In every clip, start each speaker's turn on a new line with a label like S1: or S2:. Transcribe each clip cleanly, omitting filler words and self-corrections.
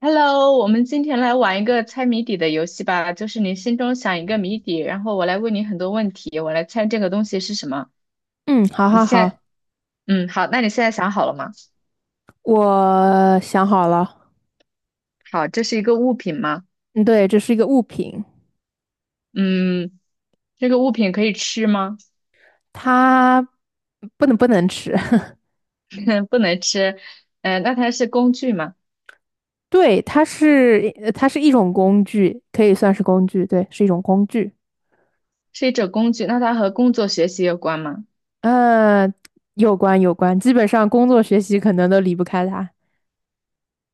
S1: Hello，我们今天来玩一个猜谜底的游戏吧，就是你心中想一个谜底，然后我来问你很多问题，我来猜这个东西是什么。
S2: 嗯，好
S1: 你
S2: 好
S1: 现
S2: 好，
S1: 在，好，那你现在想好了吗？
S2: 我想好了。
S1: 好，这是一个物品吗？
S2: 嗯，对，这是一个物品，
S1: 嗯，这个物品可以吃吗？
S2: 它不能吃。
S1: 不能吃。那它是工具吗？
S2: 对，它是一种工具，可以算是工具。对，是一种工具。
S1: 是一种工具，那它和工作学习有关吗？
S2: 呃，有关有关，基本上工作学习可能都离不开它。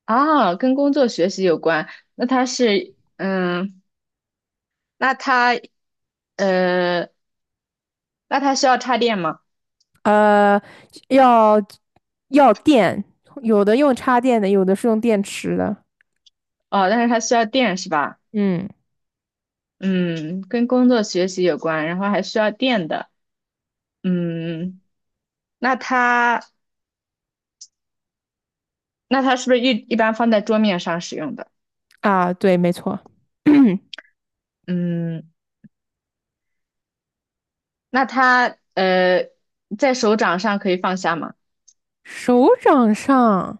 S1: 啊，跟工作学习有关。那它是，嗯，那它，呃，那它需要插电吗？
S2: 呃，要要电，有的用插电的，有的是用电池的。
S1: 哦，但是它需要电是吧？
S2: 嗯，
S1: 嗯，跟工作学习有关，然后还需要电的。嗯，那它那它是不是一般放在桌面上使用的？
S2: 啊，对，没错。
S1: 嗯，那它呃在手掌上可以放下吗？
S2: 手掌上。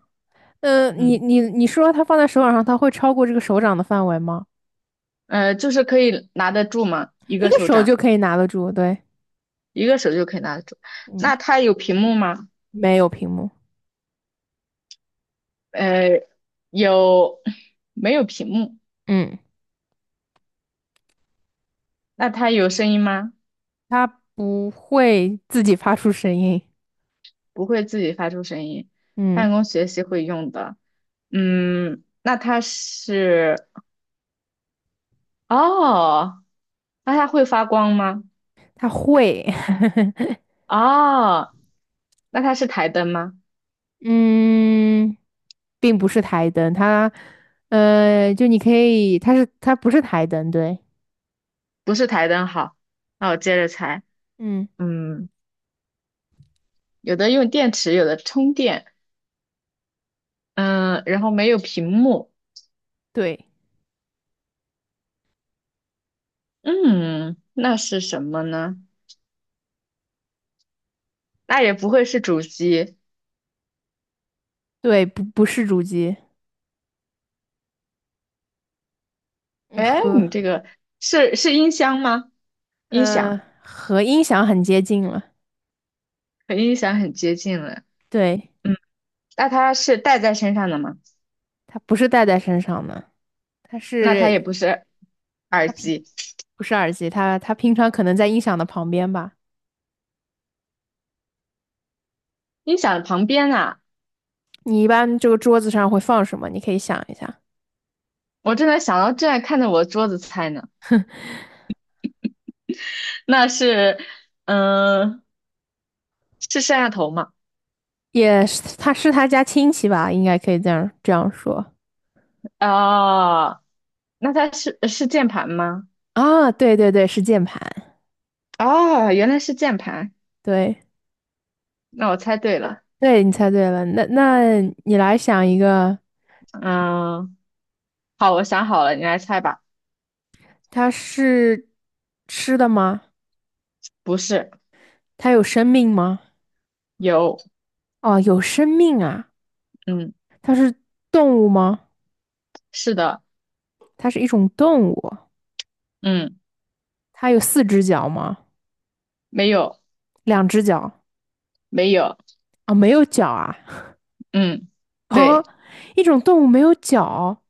S2: 呃，你
S1: 嗯，
S2: 你你说它放在手掌上，它会超过这个手掌的范围吗？
S1: 就是可以拿得住吗？一
S2: 一
S1: 个
S2: 个
S1: 手
S2: 手
S1: 掌，
S2: 就可以拿得住，对，
S1: 一个手就可以拿得住。
S2: 嗯，
S1: 那它有屏幕吗？
S2: 没有屏幕。
S1: 呃，有，没有屏幕？
S2: 嗯，
S1: 那它有声音吗？
S2: 它不会自己发出声音。
S1: 不会自己发出声音，
S2: 嗯，
S1: 办公学习会用的。嗯，那它是哦，那它会发光吗？
S2: 它会。
S1: 哦，那它是台灯吗？
S2: 嗯，并不是台灯，呃，就你可以，它不是台灯，对，
S1: 不是台灯，好，那我接着猜。
S2: 嗯，
S1: 嗯，有的用电池，有的充电，嗯，然后没有屏幕，
S2: 对
S1: 嗯，那是什么呢？那也不会是主机。
S2: 对，不是主机。嗯
S1: 哎，
S2: 和
S1: 你这个是音箱吗？音响
S2: 音响很接近了，
S1: 和音响很接近了。
S2: 对，
S1: 嗯，那它是戴在身上的吗？
S2: 它不是戴在身上的。它
S1: 那它也
S2: 是
S1: 不是耳
S2: 它平
S1: 机。
S2: 不是耳机？它平常可能在音响的旁边吧。
S1: 音响旁边啊，
S2: 你一般这个桌子上会放什么？你可以想一下。
S1: 我正在想到，正在看着我的桌子猜呢。那是，嗯、是摄像头吗？
S2: 也是，他是他家亲戚吧？应该可以这样说
S1: 哦，那它是键盘吗？
S2: 啊。对对对，是键盘。
S1: 哦，原来是键盘，
S2: 对
S1: 那我猜对了。
S2: 对，你猜对了。那你来想一个。
S1: 嗯，好，我想好了，你来猜吧。
S2: 它是吃的吗？
S1: 不是，
S2: 它有生命吗？
S1: 有，
S2: 哦，有生命啊。
S1: 嗯，
S2: 它是动物吗？
S1: 是的，
S2: 它是一种动物。
S1: 嗯，
S2: 它有四只脚吗？
S1: 没有，
S2: 两只脚
S1: 没有，
S2: 啊，没有脚啊。
S1: 嗯，
S2: 啊，
S1: 对，
S2: 一种动物没有脚，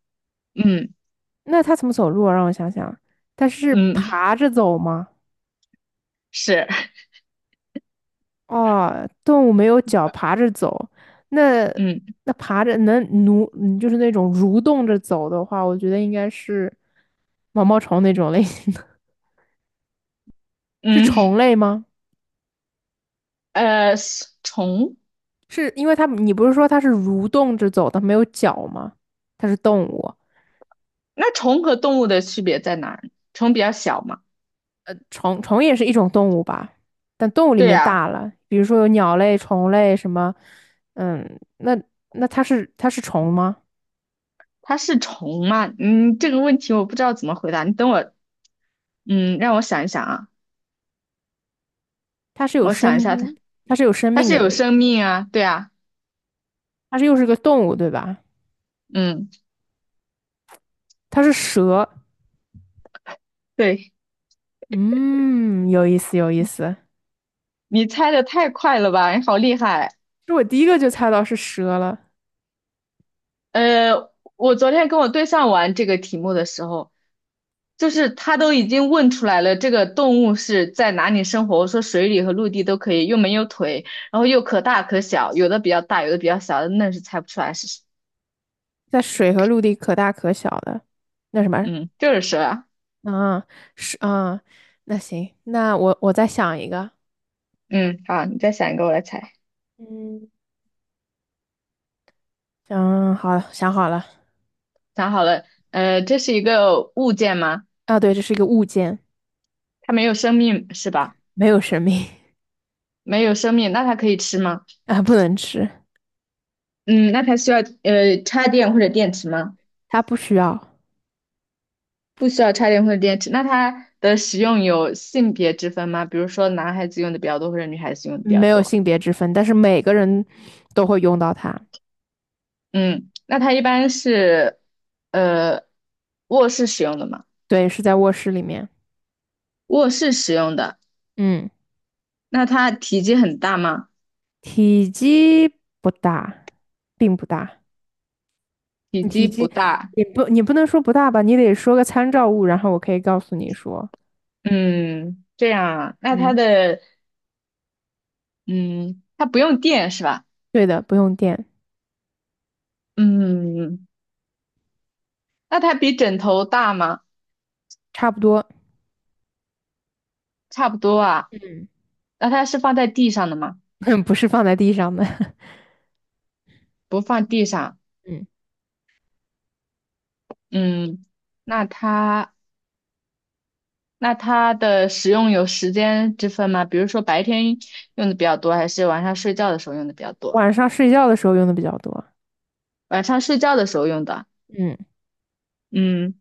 S1: 嗯，
S2: 那它怎么走路啊让我想想，它是
S1: 嗯，
S2: 爬着走吗？
S1: 是，
S2: 哦，动物没有脚，爬着走，那
S1: 嗯，
S2: 那爬着能蠕，就是那种蠕动着走的话，我觉得应该是毛毛虫那种类型的。是
S1: 嗯，
S2: 虫类吗？
S1: 呃，虫，
S2: 是因为它，你不是说它是蠕动着走的，没有脚吗？它是动物。
S1: 那虫和动物的区别在哪儿？虫比较小嘛。
S2: 虫也是一种动物吧，但动物里
S1: 对
S2: 面
S1: 呀，
S2: 大了，比如说有鸟类、虫类什么，嗯，那它是虫吗？
S1: 它是虫吗？嗯，这个问题我不知道怎么回答。你等我，嗯，让我想一想啊，
S2: 它是有
S1: 我想一下它，
S2: 生它是有生
S1: 它
S2: 命
S1: 是
S2: 的，
S1: 有
S2: 对，
S1: 生命啊，对啊，
S2: 它是又是个动物，对吧？
S1: 嗯，
S2: 它是蛇，
S1: 对，
S2: 嗯，有意思有意思，
S1: 你猜的太快了吧，你好厉害。
S2: 这我第一个就猜到是蛇了，
S1: 呃，我昨天跟我对象玩这个题目的时候，就是他都已经问出来了，这个动物是在哪里生活？我说水里和陆地都可以，又没有腿，然后又可大可小，有的比较大，有的比较小，那是猜不出来是，
S2: 在水和陆地可大可小的，那什么，
S1: 嗯，就是蛇啊。
S2: 啊，是啊，那行，那我再想一个。
S1: 嗯，好，你再想一个，我来猜。
S2: 嗯，嗯，好，想好了。
S1: 想好了，呃，这是一个物件吗？
S2: 啊，对，这是一个物件。
S1: 它没有生命是吧？
S2: 没有生命
S1: 没有生命，那它可以吃吗？
S2: 啊，不能吃，
S1: 嗯，那它需要插电或者电池吗？
S2: 它不需要，
S1: 不需要插电或者电池。那它的使用有性别之分吗？比如说男孩子用的比较多，或者女孩子用的比较
S2: 没有
S1: 多？
S2: 性别之分，但是每个人都会用到它。
S1: 嗯，那它一般是呃卧室使用的吗？
S2: 对，是在卧室里面。
S1: 卧室使用的。
S2: 嗯，
S1: 那它体积很大吗？
S2: 体积不大，并不大。
S1: 体
S2: 体
S1: 积不
S2: 积
S1: 大。
S2: 你不能说不大吧，你得说个参照物，然后我可以告诉你说，
S1: 嗯，这样啊。那它
S2: 嗯，
S1: 的嗯，它不用电是吧？
S2: 对的，不用电，
S1: 嗯，那它比枕头大吗？
S2: 差不多。
S1: 差不多啊。那它是放在地上的吗？
S2: 嗯，不是放在地上的。
S1: 不放地上。
S2: 嗯，
S1: 嗯，那它那它的使用有时间之分吗？比如说白天用的比较多，还是晚上睡觉的时候用的比较多？
S2: 晚上睡觉的时候用的比较多。
S1: 晚上睡觉的时候用的。
S2: 嗯
S1: 嗯，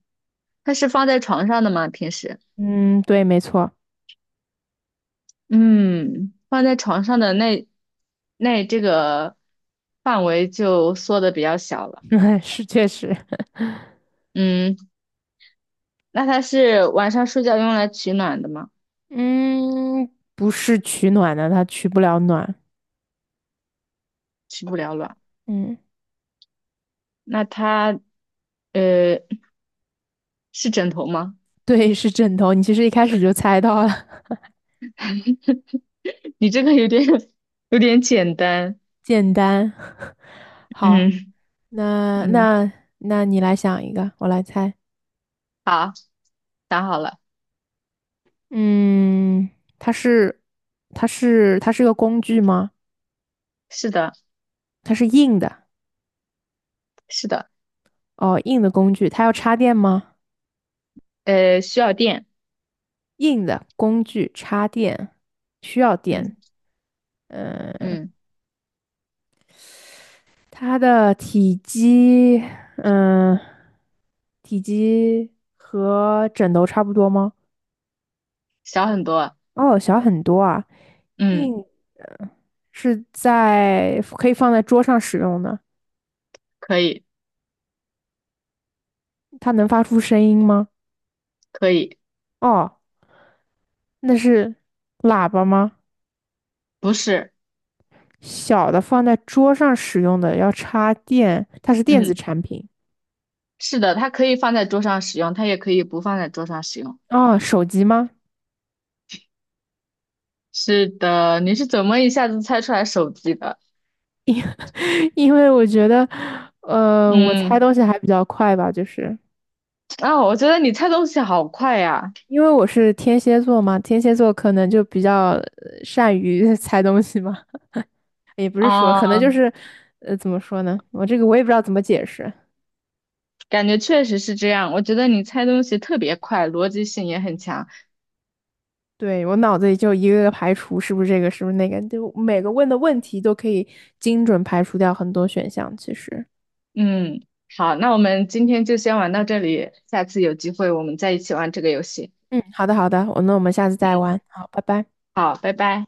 S1: 它是放在床上的吗？平时？
S2: 嗯，对，没错。
S1: 嗯，放在床上的那这个范围就缩的比较小了。
S2: 是确实。
S1: 嗯，那它是晚上睡觉用来取暖的吗？
S2: 嗯，不是取暖的，它取不了暖。
S1: 起不了卵。
S2: 嗯，
S1: 那它呃是枕头吗？
S2: 对，是枕头。你其实一开始就猜到了。
S1: 你这个有点简单。
S2: 简单。好，
S1: 嗯，
S2: 那
S1: 嗯，
S2: 那那你来想一个，我来猜。
S1: 好，想好了。
S2: 嗯，它是它是个工具吗？
S1: 是的，
S2: 它是硬的
S1: 是的。
S2: 哦，硬的工具。它要插电吗？
S1: 呃，需要电。
S2: 硬的工具插电需要电。
S1: 嗯，
S2: 嗯、
S1: 嗯，
S2: 它的体积，嗯，体积和枕头差不多吗？
S1: 小很多。
S2: 哦，小很多啊。
S1: 嗯，
S2: 硬是在可以放在桌上使用的。
S1: 可以
S2: 它能发出声音吗？
S1: 可以。
S2: 哦，那是喇叭吗？
S1: 不是，
S2: 小的放在桌上使用的要插电，它是电子
S1: 嗯，
S2: 产品。
S1: 是的，它可以放在桌上使用，它也可以不放在桌上使用。
S2: 哦，手机吗？
S1: 是的，你是怎么一下子猜出来手机的？
S2: 因 因为我觉得，我猜
S1: 嗯，
S2: 东西还比较快吧，就是。
S1: 啊，我觉得你猜东西好快呀！
S2: 因为我是天蝎座嘛，天蝎座可能就比较善于 猜东西嘛，也不是说，
S1: 啊、
S2: 可能就是，呃，怎么说呢？我这个我也不知道怎么解释。
S1: 感觉确实是这样。我觉得你猜东西特别快，逻辑性也很强。
S2: 对，我脑子里就一个个排除，是不是这个，是不是那个，就每个问的问题都可以精准排除掉很多选项。其实，
S1: 嗯，好，那我们今天就先玩到这里，下次有机会我们再一起玩这个游戏。
S2: 嗯，好的，好的，我那我们下次再
S1: 嗯，
S2: 玩，好，拜拜。
S1: 好，拜拜。